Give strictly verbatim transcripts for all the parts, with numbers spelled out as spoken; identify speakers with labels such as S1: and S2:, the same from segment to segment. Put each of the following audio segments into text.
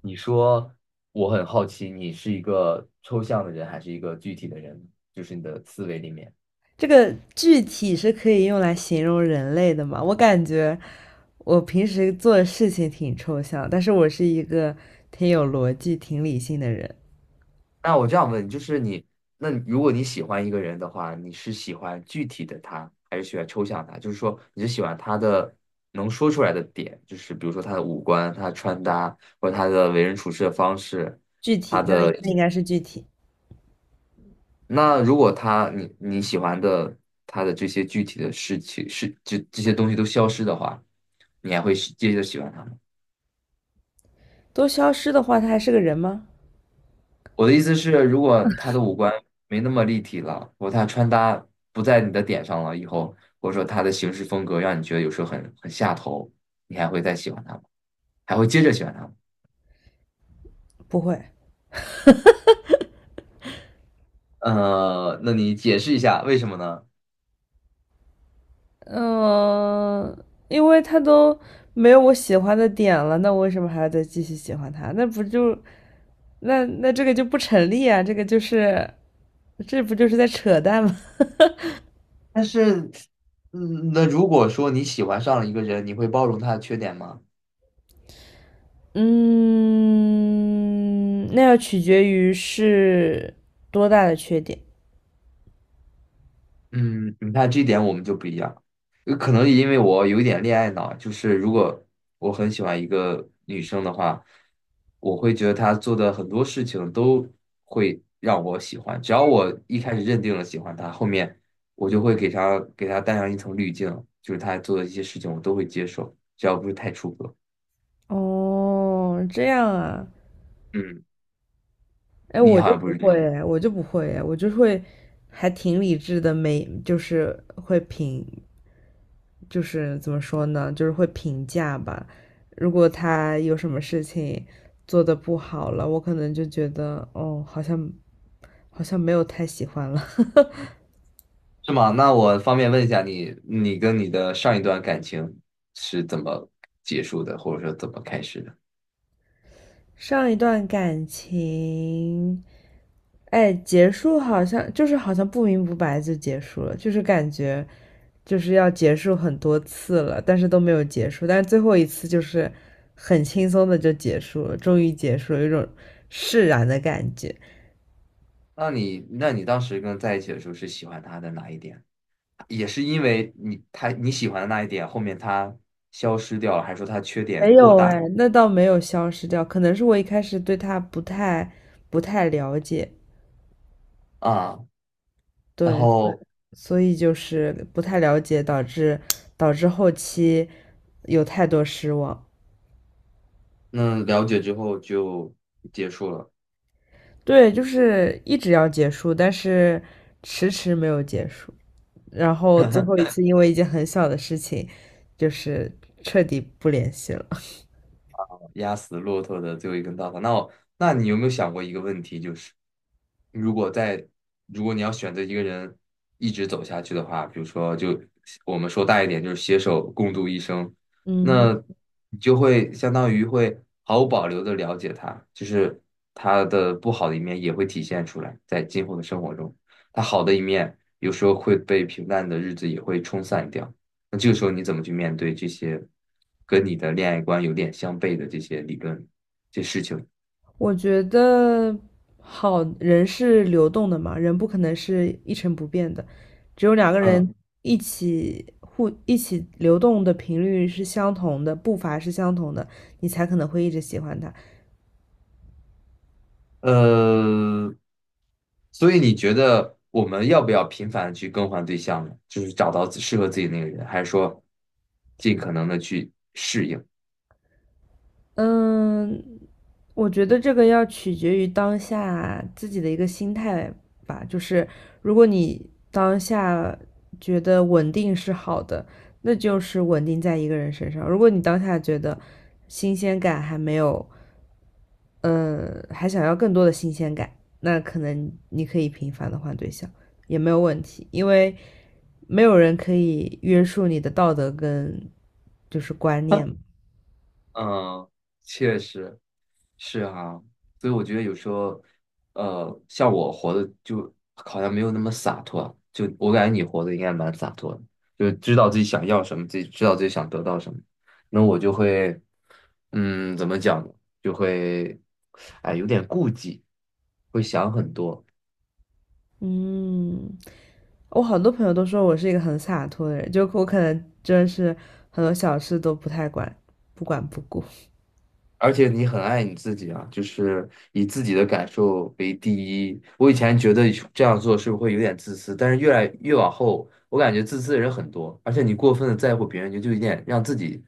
S1: 你说我很好奇，你是一个抽象的人还是一个具体的人？就是你的思维里面。
S2: 这个具体是可以用来形容人类的吗？我感觉我平时做的事情挺抽象，但是我是一个挺有逻辑、挺理性的人。
S1: 那我这样问，就是你，那你如果你喜欢一个人的话，你是喜欢具体的他，还是喜欢抽象他？就是说，你是喜欢他的能说出来的点，就是比如说他的五官、他的穿搭，或者他的为人处事的方式，
S2: 具
S1: 他
S2: 体，那
S1: 的。
S2: 那应该是具体。
S1: 那如果他你你喜欢的他的这些具体的事情是这这些东西都消失的话，你还会是接着喜欢他吗？
S2: 都消失的话，他还是个人吗？
S1: 我的意思是，如果他的五官没那么立体了，或者他穿搭不在你的点上了以后，或者说他的行事风格让你觉得有时候很很下头，你还会再喜欢他吗？还会接着喜欢他吗？
S2: 不会。
S1: 呃，那你解释一下为什么呢？
S2: 嗯、因为他都没有我喜欢的点了，那我为什么还要再继续喜欢他？那不就那那这个就不成立啊？这个就是这不就是在扯淡吗？
S1: 但是，嗯，那如果说你喜欢上了一个人，你会包容他的缺点吗？
S2: 嗯，那要取决于是多大的缺点。
S1: 嗯，你看这点我们就不一样，呃可能因为我有一点恋爱脑，就是如果我很喜欢一个女生的话，我会觉得她做的很多事情都会让我喜欢，只要我一开始认定了喜欢她，后面我就会给她给她带上一层滤镜，就是她做的一些事情我都会接受，只要不是太出格。
S2: 哦，这样啊，
S1: 嗯，
S2: 哎，
S1: 你
S2: 我
S1: 好
S2: 就
S1: 像不
S2: 不
S1: 是这样，
S2: 会，哎，我就不会，哎，我就会还挺理智的，没，就是会评，就是怎么说呢，就是会评价吧。如果他有什么事情做的不好了，我可能就觉得，哦，好像好像没有太喜欢了。
S1: 是吗？那我方便问一下你，你跟你的上一段感情是怎么结束的，或者说怎么开始的？
S2: 上一段感情。哎，结束好像就是好像不明不白就结束了，就是感觉就是要结束很多次了，但是都没有结束，但是最后一次就是很轻松的就结束了，终于结束了，有一种释然的感觉。
S1: 那你那你当时跟在一起的时候是喜欢他的哪一点？也是因为你他你喜欢的那一点，后面他消失掉了，还是说他缺点
S2: 没
S1: 过
S2: 有
S1: 大
S2: 哎，那倒没有消失掉，可能是我一开始对他不太不太了解，
S1: 啊？然
S2: 对，所以
S1: 后
S2: 所以就是不太了解，导致导致后期有太多失望。
S1: 那了解之后就结束了。
S2: 对，就是一直要结束，但是迟迟没有结束。然后最后一次因为一件很小的事情，就是彻底不联系了。
S1: 压死骆驼的最后一根稻草。那我，那你有没有想过一个问题，就是如果在如果你要选择一个人一直走下去的话，比如说就我们说大一点，就是携手共度一生，
S2: 嗯
S1: 那
S2: 哼，
S1: 你就会相当于会毫无保留的了解他，就是他的不好的一面也会体现出来，在今后的生活中，他好的一面有时候会被平淡的日子也会冲散掉。那这个时候你怎么去面对这些跟你的恋爱观有点相悖的这些理论、这些事情？
S2: 我觉得好，人是流动的嘛，人不可能是一成不变的，只有两个
S1: 嗯，
S2: 人一起互一起流动的频率是相同的，步伐是相同的，你才可能会一直喜欢他。
S1: 呃，所以你觉得我们要不要频繁地去更换对象呢？就是找到自适合自己那个人，还是说尽可能的去适应？
S2: 嗯，我觉得这个要取决于当下自己的一个心态吧。就是如果你当下觉得稳定是好的，那就是稳定在一个人身上；如果你当下觉得新鲜感还没有，嗯，还想要更多的新鲜感，那可能你可以频繁的换对象，也没有问题，因为没有人可以约束你的道德跟就是观念嘛
S1: 嗯，确实是啊，所以我觉得有时候，呃，像我活的就好像没有那么洒脱，就我感觉你活的应该蛮洒脱的，就是知道自己想要什么，自己知道自己想得到什么。那我就会，嗯，怎么讲呢就会，哎，有点顾忌，会想很多。
S2: 嗯。我好多朋友都说我是一个很洒脱的人，就我可能真的是很多小事都不太管，不管不顾。
S1: 而且你很爱你自己啊，就是以自己的感受为第一。我以前觉得这样做是不是会有点自私，但是越来越往后，我感觉自私的人很多，而且你过分的在乎别人，你就有点让自己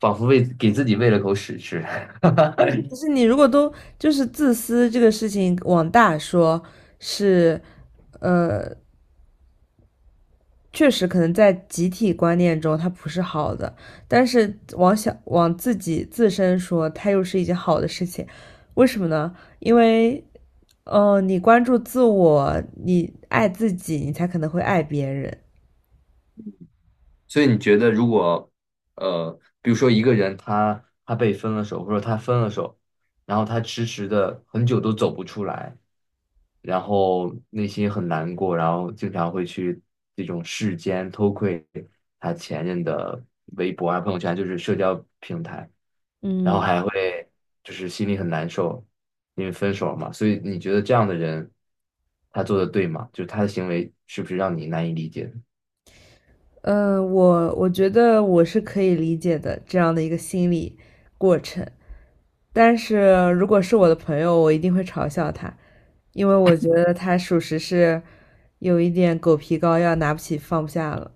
S1: 仿佛喂给自己喂了口屎吃。
S2: 就是你如果都就是自私这个事情往大说，是，呃，确实可能在集体观念中它不是好的，但是往小往自己自身说，它又是一件好的事情。为什么呢？因为，呃，你关注自我，你爱自己，你才可能会爱别人。
S1: 所以你觉得，如果呃，比如说一个人他他被分了手，或者他分了手，然后他迟迟的很久都走不出来。然后内心很难过，然后经常会去这种世间偷窥他前任的微博啊、朋友圈，就是社交平台，然后
S2: 嗯。
S1: 还会就是心里很难受，因为分手了嘛。所以你觉得这样的人，他做的对吗？就是他的行为是不是让你难以理解的
S2: 嗯，我我觉得我是可以理解的这样的一个心理过程，但是如果是我的朋友，我一定会嘲笑他，因为我觉得他属实是有一点狗皮膏药，拿不起放不下了，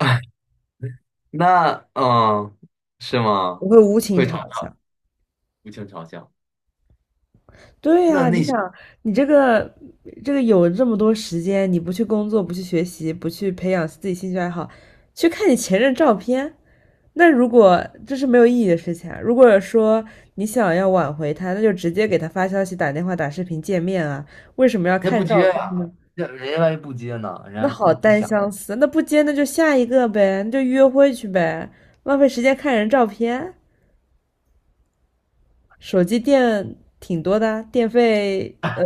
S1: 那嗯，是
S2: 我
S1: 吗？
S2: 会无情
S1: 会嘲
S2: 嘲
S1: 笑，
S2: 笑。
S1: 无情嘲笑。
S2: 对
S1: 那
S2: 呀，你
S1: 那
S2: 想，
S1: 些
S2: 你这个这个有这么多时间，你不去工作，不去学习，不去培养自己兴趣爱好，去看你前任照片，那如果这是没有意义的事情啊，如果说你想要挽回他，那就直接给他发消息、打电话、打视频见面啊，为什么要
S1: 人家
S2: 看
S1: 不
S2: 照
S1: 接
S2: 片呢？
S1: 呀、人家人家万一不接呢？人
S2: 那
S1: 家不
S2: 好
S1: 不
S2: 单
S1: 想，
S2: 相思，那不接那就下一个呗，那就约会去呗，浪费时间看人照片，手机电挺多的啊电费呃，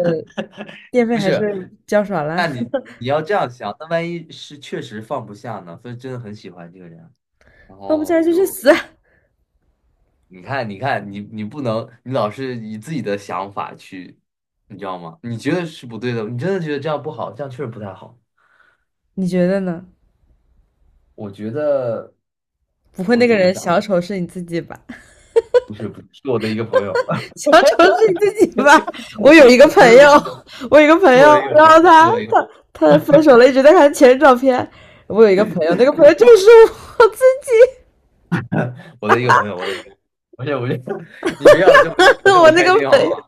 S2: 电费
S1: 不
S2: 还是
S1: 是。
S2: 交少了，
S1: 那你你要这样想，那万一是确实放不下呢？所以真的很喜欢这个人，然
S2: 放不下
S1: 后
S2: 来就去
S1: 就
S2: 死啊，
S1: 你看，你看，你你不能，你老是以自己的想法去，你知道吗？你觉得是不对的，你真的觉得这样不好，这样确实不太好。
S2: 你觉得呢？
S1: 我觉得
S2: 不会
S1: 我
S2: 那个
S1: 怎么
S2: 人
S1: 讲呢
S2: 小丑是你自己吧？
S1: 不是不是，是我的一个朋友，
S2: 小丑是你自己吧？我有一个
S1: 不
S2: 朋
S1: 是不
S2: 友，
S1: 是，
S2: 我有一个朋
S1: 是我的
S2: 友，
S1: 一个朋
S2: 然后
S1: 友，是
S2: 他
S1: 我的一个
S2: 他他分手了，一直在看前任照片。我有一个朋友，那个朋友就是我自己，
S1: 我的一个朋友，我的一个，不是不是，你不要这么这
S2: 我
S1: 么
S2: 那
S1: 开
S2: 个
S1: 心
S2: 朋
S1: 好
S2: 友
S1: 吗？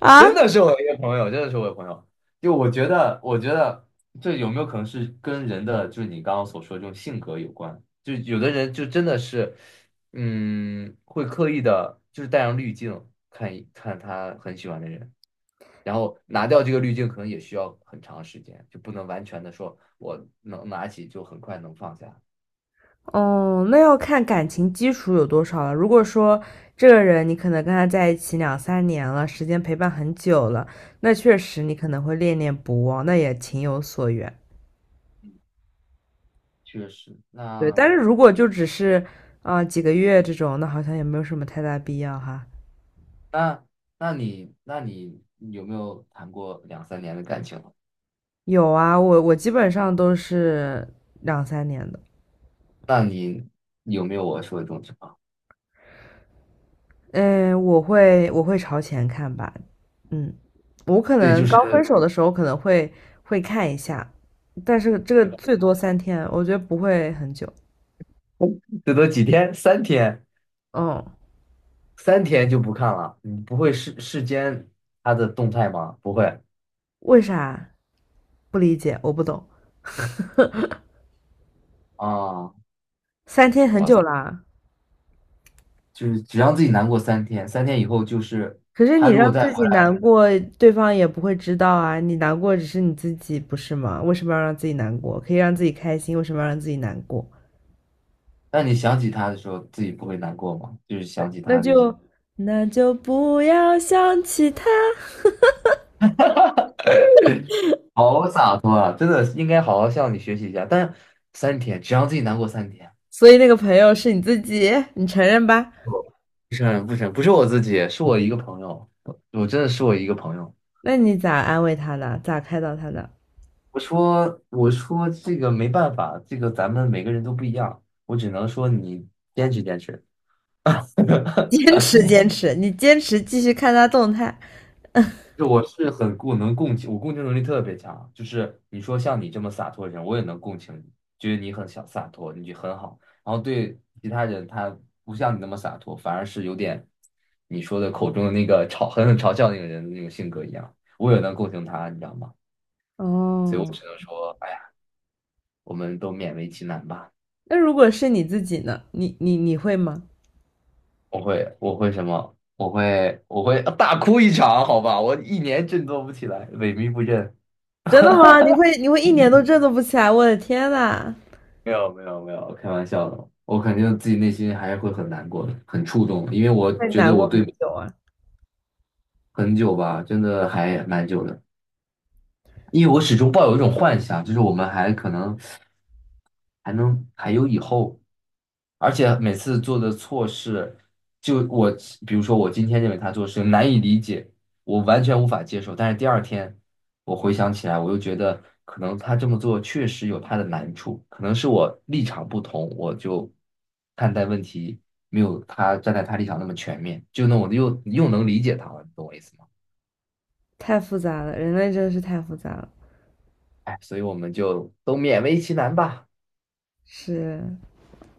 S2: 啊，
S1: 真的是我一个朋友，真的是我一个朋友。就我觉得，我觉得这有没有可能是跟人的，就是你刚刚所说的这种性格有关？就有的人就真的是，嗯，会刻意的，就是带上滤镜看一看他很喜欢的人，然后拿掉这个滤镜，可能也需要很长时间，就不能完全的说我能拿起就很快能放下。
S2: 哦，那要看感情基础有多少了。如果说这个人你可能跟他在一起两三年了，时间陪伴很久了，那确实你可能会恋恋不忘，那也情有所原。
S1: 确实，
S2: 对，
S1: 那
S2: 但是如果就只是啊、呃几个月这种，那好像也没有什么太大必要哈。
S1: 那那你那你有没有谈过两三年的感情？
S2: 有啊，我我基本上都是两三年的。
S1: 那你有没有我说的这种情况？
S2: 嗯，我会我会朝前看吧。嗯，我可
S1: 对，
S2: 能
S1: 就
S2: 刚分
S1: 是
S2: 手的时候可能会会看一下，但是这个最多三天，我觉得不会很久。
S1: 最多几天，三天，
S2: 嗯，
S1: 三天就不看了。你不会视视奸他的动态吗？不会
S2: 为啥？不理解，我不懂。
S1: 啊，
S2: 三天很
S1: 哇塞，
S2: 久啦，
S1: 就是只让自己难过三天，三天以后就是
S2: 可是你
S1: 他如果
S2: 让
S1: 再
S2: 自
S1: 回
S2: 己
S1: 来，
S2: 难过，对方也不会知道啊。你难过只是你自己，不是吗？为什么要让自己难过？可以让自己开心，为什么要让自己难过？
S1: 当你想起他的时候，自己不会难过吗？就是想起
S2: 那
S1: 他的一些，
S2: 就那就不要想起他。
S1: 好洒脱啊！真的应该好好向你学习一下。但三天，只让自己难过三天，
S2: 所以那个朋友是你自己，你承认吧？
S1: 不是不是不是我自己，是我一个朋友，我真的是我一个朋友。
S2: 那你咋安慰他的？咋开导他的？
S1: 我说，我说这个没办法，这个咱们每个人都不一样，我只能说你坚持坚持。
S2: 坚持，坚持，你坚持继续看他动态。
S1: 就我是很共能共情，我共情能力特别强。就是你说像你这么洒脱的人，我也能共情你，觉得你很小洒脱，你就很好。然后对其他人，他不像你那么洒脱，反而是有点你说的口中的那个嘲狠狠嘲笑那个人的那种性格一样。我也能共情他，你知道吗？所以我
S2: 哦，
S1: 只能说，哎呀，我们都勉为其难吧。
S2: 那如果是你自己呢？你你你会吗？
S1: 我会，我会什么？我会，我会大哭一场，好吧？我一年振作不起来，萎靡不振。
S2: 真的吗？你会你会一年都振作不起来？我的天呐，
S1: 没有，没有，没有，开玩笑的。我肯定自己内心还是会很难过的，很触动的因为我
S2: 会
S1: 觉得
S2: 难
S1: 我
S2: 过很
S1: 对
S2: 久啊！
S1: 很久吧，真的还蛮久的。因为我始终抱有一种幻想，就是我们还可能还能还有以后。而且每次做的错事，就我比如说我今天认为他做事难以理解，我完全无法接受，但是第二天我回想起来，我又觉得可能他这么做确实有他的难处，可能是我立场不同，我就看待问题没有他站在他立场那么全面，就那我又又能理解他了，你懂我意思吗？
S2: 太复杂了，人类真的是太复杂了。
S1: 哎，所以我们就都勉为其难吧。
S2: 是，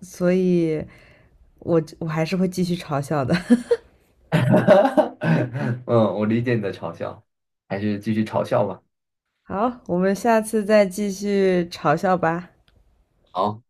S2: 所以我我还是会继续嘲笑的。
S1: 嗯，我理解你的嘲笑，还是继续嘲笑吧。
S2: 好，我们下次再继续嘲笑吧。
S1: 好，